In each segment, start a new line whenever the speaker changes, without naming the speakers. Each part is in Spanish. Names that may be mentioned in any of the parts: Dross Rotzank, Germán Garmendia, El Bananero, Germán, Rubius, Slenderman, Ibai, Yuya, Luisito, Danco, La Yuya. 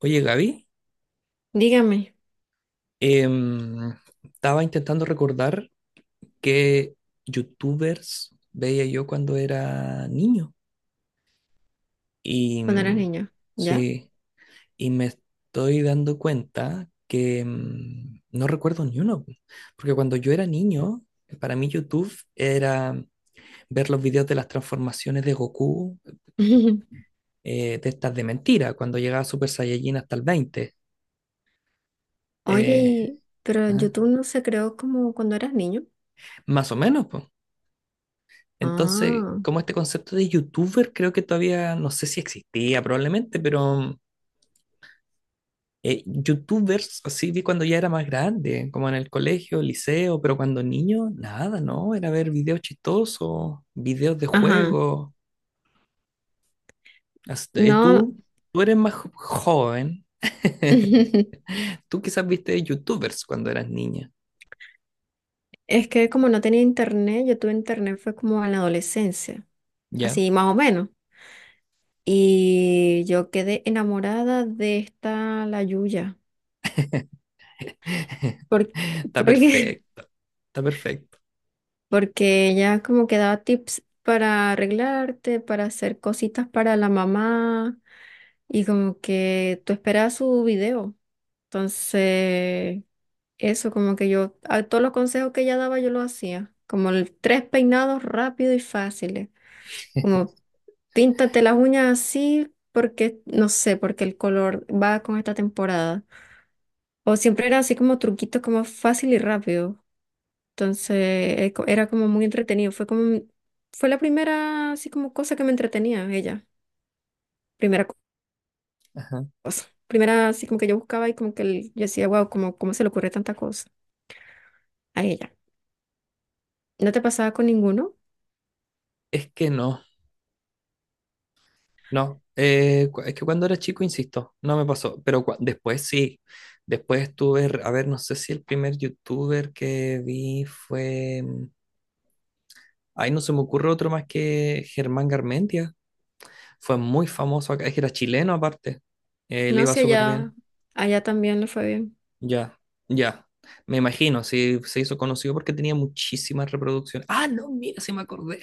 Oye, Gaby,
Dígame,
em, estaba intentando recordar qué youtubers veía yo cuando era niño. Y
cuando eras
mm,
niño, ¿ya?
sí, y me estoy dando cuenta que no recuerdo ni uno. Porque cuando yo era niño, para mí YouTube era ver los videos de las transformaciones de Goku, de estas de mentira, cuando llegaba Super Saiyajin hasta el 20.
Oye,
Eh,
pero
ajá.
YouTube no se creó como cuando eras niño.
Más o menos, pues. Entonces,
Ah,
como este concepto de youtuber, creo que todavía no sé si existía probablemente, pero youtubers, así vi cuando ya era más grande, como en el colegio, liceo, pero cuando niño, nada, ¿no? Era ver videos chistosos, videos de
ajá.
juego. Hasta- eh,
No,
tú, tú eres más joven. Tú quizás viste youtubers cuando eras niña,
es que como no tenía internet, yo tuve internet fue como en la adolescencia,
¿ya?
así más o menos. Y yo quedé enamorada de esta, la Yuya, porque,
Está
porque,
perfecto, está perfecto.
porque ella como que daba tips para arreglarte, para hacer cositas para la mamá, y como que tú esperabas su video. Entonces, eso como que yo, a todos los consejos que ella daba, yo los hacía. Como tres peinados rápidos y fáciles. Como píntate las uñas así porque, no sé, porque el color va con esta temporada. O siempre era así como truquitos como fácil y rápido. Entonces, era como muy entretenido. Fue como, fue la primera así como cosa que me entretenía ella. Primera co-
Ajá.
Cosa. Primera así como que yo buscaba y como que yo decía, wow, como, ¿cómo se le ocurre tanta cosa a ella? ¿No te pasaba con ninguno?
Es que no. No, es que cuando era chico, insisto, no me pasó, pero después sí, después estuve, a ver, no sé si el primer youtuber que vi fue, ay, no se me ocurre otro más que Germán Garmendia, fue muy famoso acá, es que era chileno aparte, le
No,
iba
si
súper
allá,
bien,
allá también le fue bien.
ya, ya, me imagino, sí, se hizo conocido porque tenía muchísimas reproducciones, ah, no, mira, se me acordé.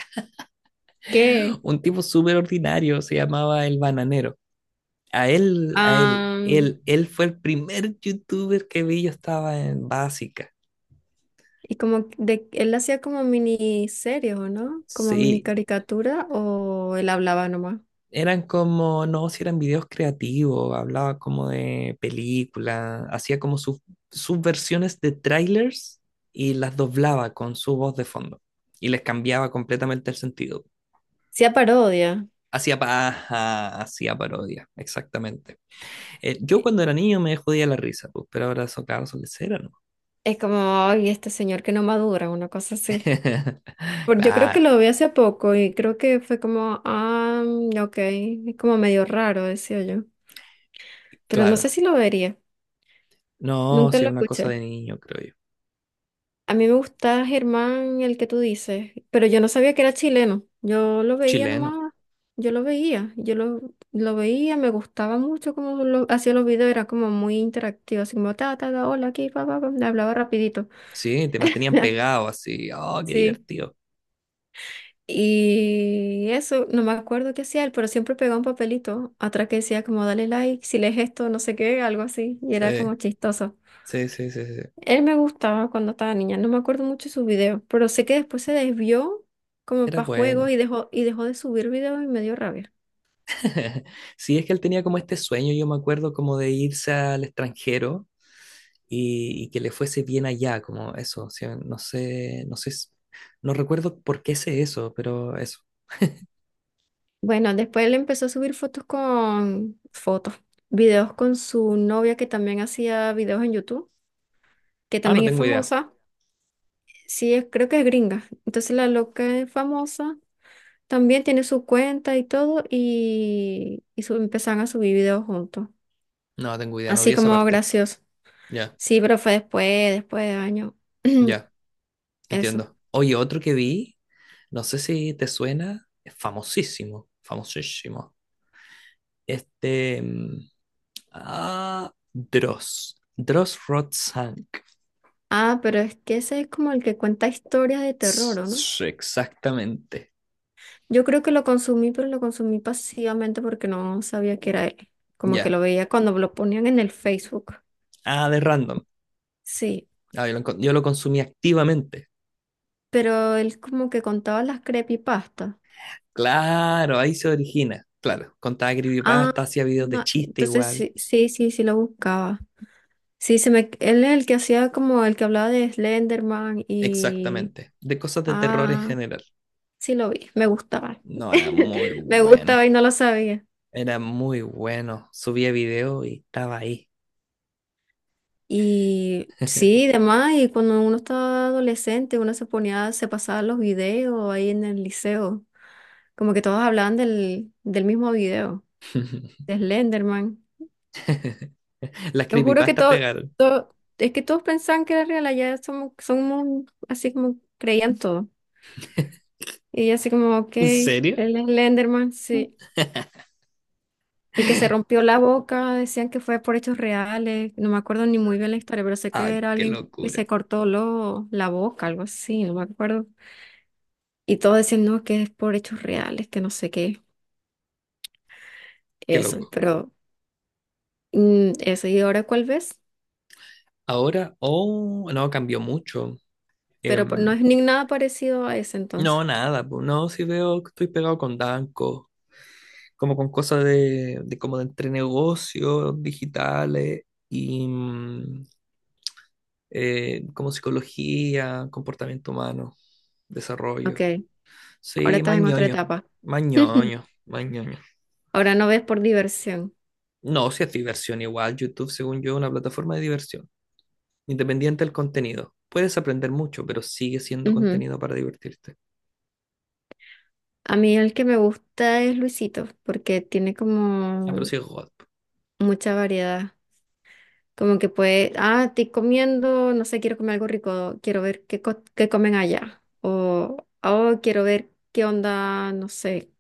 ¿Qué?
Un tipo súper ordinario, se llamaba El Bananero. A él, a él,
Am,
él, él fue el primer youtuber que vi, yo estaba en básica.
y como de, él hacía como miniseries, ¿o no? Como mini
Sí,
caricatura, o él hablaba nomás.
eran como, no, si eran videos creativos, hablaba como de películas, hacía como sus versiones de trailers y las doblaba con su voz de fondo y les cambiaba completamente el sentido.
Sí, a parodia.
Hacía paja, hacía parodia, exactamente. Yo
Y
cuando era niño me jodía la risa, pues, pero ahora eso, claro, son de cera, ¿no?
es como, ay, este señor que no madura, una cosa así. Yo creo
Claro,
que lo vi hace poco y creo que fue como, ah, ok, es como medio raro, decía yo. Pero no
claro.
sé si lo vería.
No,
Nunca
sí,
lo
es una cosa de
escuché.
niño, creo yo.
A mí me gusta Germán, el que tú dices, pero yo no sabía que era chileno. Yo lo veía
Chileno.
nomás, yo lo veía, lo veía, me gustaba mucho como lo, hacía los videos, era como muy interactivo, así como ta, ta, ta, hola, aquí, pa, pa, pa, me hablaba rapidito.
Sí, te mantenían pegado así. Oh, qué
Sí.
divertido.
Y eso, no me acuerdo qué hacía él, pero siempre pegaba un papelito atrás que decía como dale like, si lees esto, no sé qué, algo así, y era como
Sí,
chistoso.
sí, sí, sí, sí.
Él me gustaba cuando estaba niña, no me acuerdo mucho de sus videos, pero sé que después se desvió como
Era
para juegos
bueno.
y dejó de subir videos y me dio rabia.
Sí, es que él tenía como este sueño, yo me acuerdo, como de irse al extranjero y que le fuese bien allá, como eso. O sea, no sé, no sé, no recuerdo por qué sé eso, pero eso.
Bueno, después él empezó a subir fotos con fotos, videos con su novia que también hacía videos en YouTube, que
Ah, no
también es
tengo idea.
famosa. Sí, creo que es gringa. Entonces la loca es famosa, también tiene su cuenta y todo empezaron a subir videos juntos,
No tengo idea, no vi
así
esa
como
parte.
gracioso.
Ya,
Sí, pero fue después, después de años.
ya.
Eso.
Entiendo. Oye, otro que vi, no sé si te suena, es famosísimo, famosísimo. Este, mm, Dross, Dross Rotzank.
Ah, pero es que ese es como el que cuenta historias de terror, ¿o no?
Exactamente.
Yo creo que lo consumí, pero lo consumí pasivamente porque no sabía que era él. Como que
Ya.
lo veía cuando lo ponían en el Facebook.
Ah, de random.
Sí,
Ah, yo lo consumí activamente.
pero él como que contaba las creepypastas.
Claro, ahí se origina. Claro, contaba
Ah,
creepypasta, hacía videos de
ah,
chiste
entonces
igual.
sí, sí, sí, sí lo buscaba. Sí, se me, él es el que hacía como el que hablaba de Slenderman y...
Exactamente. De cosas de terror en
Ah,
general.
sí lo vi, me gustaba.
No, era muy
Me
bueno.
gustaba y no lo sabía.
Era muy bueno. Subía video y estaba ahí.
Y sí, demás, y cuando uno estaba adolescente, uno se ponía, se pasaba los videos ahí en el liceo, como que todos hablaban del mismo video, de Slenderman.
Las
Yo juro que
creepypastas
todo,
pegaron.
todo, es que todos pensaban que era real, allá somos, somos así como creían todo. Y así como, ok,
¿En serio?
el Slenderman, sí. El que se rompió la boca, decían que fue por hechos reales, no me acuerdo ni muy bien la historia, pero sé
Ah,
que era
qué
alguien que se
locura.
cortó la boca, algo así, no me acuerdo. Y todos decían, no, que es por hechos reales, que no sé qué.
Qué
Eso,
loco.
pero eso. ¿Y ahora cuál ves?
Ahora, oh, no, cambió mucho.
Pero no
Em,
es ni nada parecido a ese
no,
entonces.
nada, pues. No, si veo que estoy pegado con Danco, como con cosas de, como de entre negocios digitales y como psicología, comportamiento humano,
Ok,
desarrollo.
ahora
Sí, más
estás en otra
ñoño,
etapa.
más ñoño, más ñoño.
Ahora no ves por diversión.
No, si es diversión igual, YouTube, según yo, es una plataforma de diversión, independiente del contenido. Puedes aprender mucho, pero sigue siendo
Ujú.
contenido para divertirte.
A mí el que me gusta es Luisito, porque tiene
Ah, pero
como
sí es God.
mucha variedad. Como que puede, ah, estoy comiendo, no sé, quiero comer algo rico, quiero ver qué, qué comen allá. O, oh, quiero ver qué onda, no sé,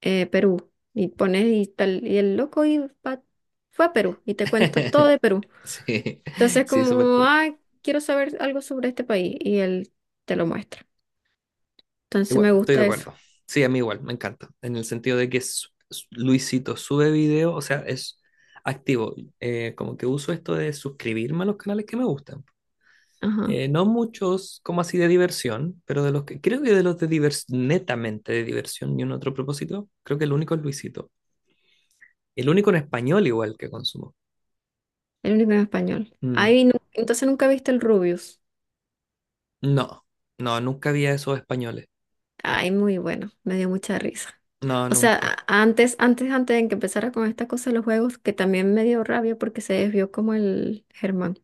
Perú. Y pones y tal, y el loco y va- fue a Perú y te cuenta todo de Perú.
Sí,
Entonces,
sí, súper
como,
cool.
ah, quiero saber algo sobre este país y él te lo muestra. Entonces,
Igual,
me
estoy de
gusta eso.
acuerdo. Sí, a mí igual, me encanta. En el sentido de que Luisito sube video, o sea, es activo. Como que uso esto de suscribirme a los canales que me gustan.
Ajá,
No muchos como así de diversión, pero de los que creo que de los de diversión, netamente de diversión, ni un otro propósito, creo que el único es Luisito. El único en español igual que consumo.
el único en español.
Mm,
Ay, entonces nunca viste el Rubius.
no, no, nunca había esos españoles.
Ay, muy bueno, me dio mucha risa.
No,
O sea,
nunca.
antes, antes, antes de que empezara con esta cosa de los juegos, que también me dio rabia porque se desvió como el Germán.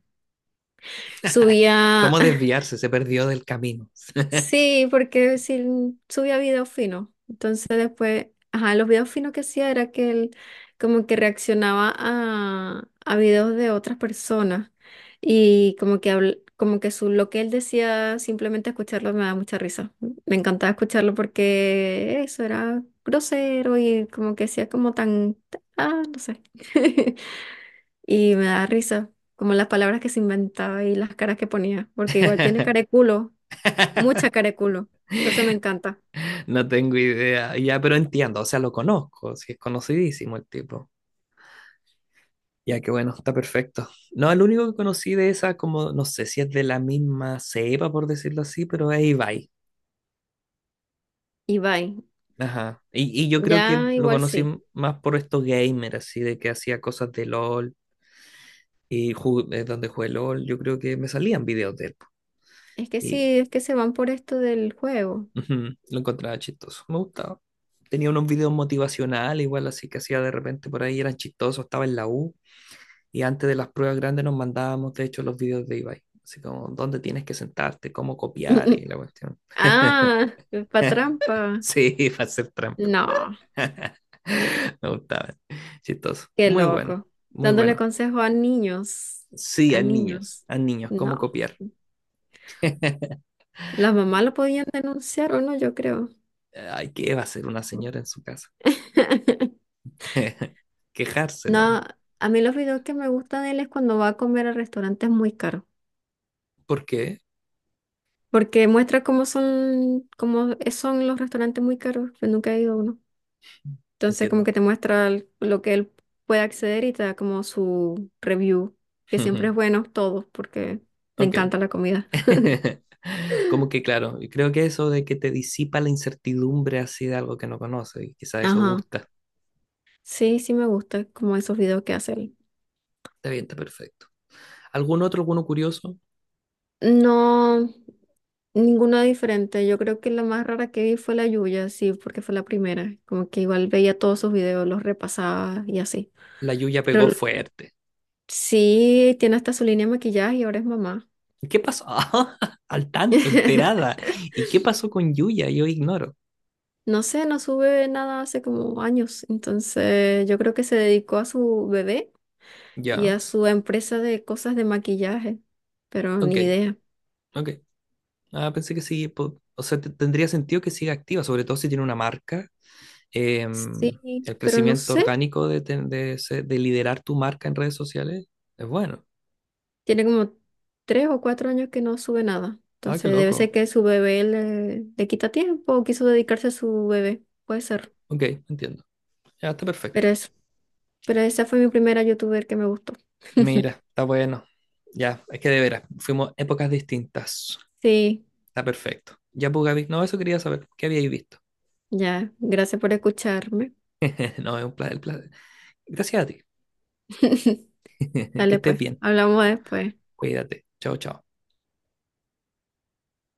Ay,
Subía.
¿cómo desviarse? Se perdió del camino.
Sí, porque sí subía videos finos. Entonces después, ajá, los videos finos que hacía era que él como que reaccionaba a videos de otras personas y como que como que su, lo que él decía, simplemente escucharlo me da mucha risa. Me encantaba escucharlo porque eso era grosero y como que hacía como tan, ah, no sé. Y me da risa, como las palabras que se inventaba y las caras que ponía, porque igual tiene cara de culo. Mucha careculo. Entonces me encanta.
No tengo idea. Ya, pero entiendo, o sea, lo conozco, sí, es conocidísimo el tipo. Ya que bueno, está perfecto. No, el único que conocí de esa, como no sé si es de la misma cepa, por decirlo así, pero es Ibai.
Y bye.
Ajá. Y yo creo que
Ya
lo
igual
conocí
sí.
más por estos gamers, así de que hacía cosas de LOL y donde jugué LOL, yo creo que me salían videos de él, po.
Es que
Y
sí, es que se van por esto del juego.
ujú, lo encontraba chistoso, me gustaba. Tenía unos videos motivacionales, igual así que hacía de repente por ahí, eran chistosos, estaba en la U y antes de las pruebas grandes nos mandábamos, de hecho, los videos de Ibai. Así como, ¿dónde tienes que sentarte? ¿Cómo copiar? Y la cuestión.
Ah, pa' trampa.
Sí, para hacer trampa.
No,
Me gustaba. Chistoso.
qué
Muy bueno,
loco.
muy
Dándole
bueno.
consejo a niños.
Sí,
A niños.
a niños, ¿cómo
No.
copiar?
Las mamás lo podían denunciar o no, yo creo.
Ay, ¿qué va a hacer una señora en su casa? Quejarse nomás.
No, a mí los videos que me gustan de él es cuando va a comer a restaurantes muy caros,
¿Por qué?
porque muestra cómo son los restaurantes muy caros, que nunca he ido a uno. Entonces como
Entiendo.
que te muestra lo que él puede acceder y te da como su review, que siempre es bueno todo porque le
Ok.
encanta la comida.
Como que claro, y creo que eso de que te disipa la incertidumbre así de algo que no conoces, y quizás eso
Ajá.
gusta.
Sí, sí me gusta como esos videos que hace él.
Está bien, está perfecto. ¿Algún otro, alguno curioso?
No, ninguna diferente. Yo creo que la más rara que vi fue la Yuya, sí, porque fue la primera. Como que igual veía todos sus videos, los repasaba y así.
La Yuya
Pero
pegó fuerte.
sí, tiene hasta su línea de maquillaje y ahora es mamá.
¿Qué pasó? Al tanto, enterada. ¿Y qué pasó con Yuya? Yo ignoro.
No sé, no sube nada hace como años. Entonces, yo creo que se dedicó a su bebé y
Ya.
a su empresa de cosas de maquillaje, pero
Ok,
ni idea.
ok. Ah, pensé que sí, o sea, tendría sentido que siga activa, sobre todo si tiene una marca. Em,
Sí,
el
pero no
crecimiento
sé,
orgánico de, ten- de, se- de liderar tu marca en redes sociales es bueno.
tiene como 3 o 4 años que no sube nada.
Ah, qué
Entonces, debe ser
loco.
que su bebé le, le quita tiempo o quiso dedicarse a su bebé. Puede ser.
Ok, entiendo. Ya está perfecto.
Pero eso, pero esa fue mi primera youtuber que me gustó.
Mira, está bueno. Ya, es que de veras, fuimos épocas distintas.
Sí,
Está perfecto. Ya, pues, Gaby, no, eso quería saber. ¿Qué habíais visto?
ya. Gracias por escucharme.
No, es un placer. Gracias a ti. Que
Dale
estés
pues,
bien.
hablamos después.
Cuídate. Chao, chao.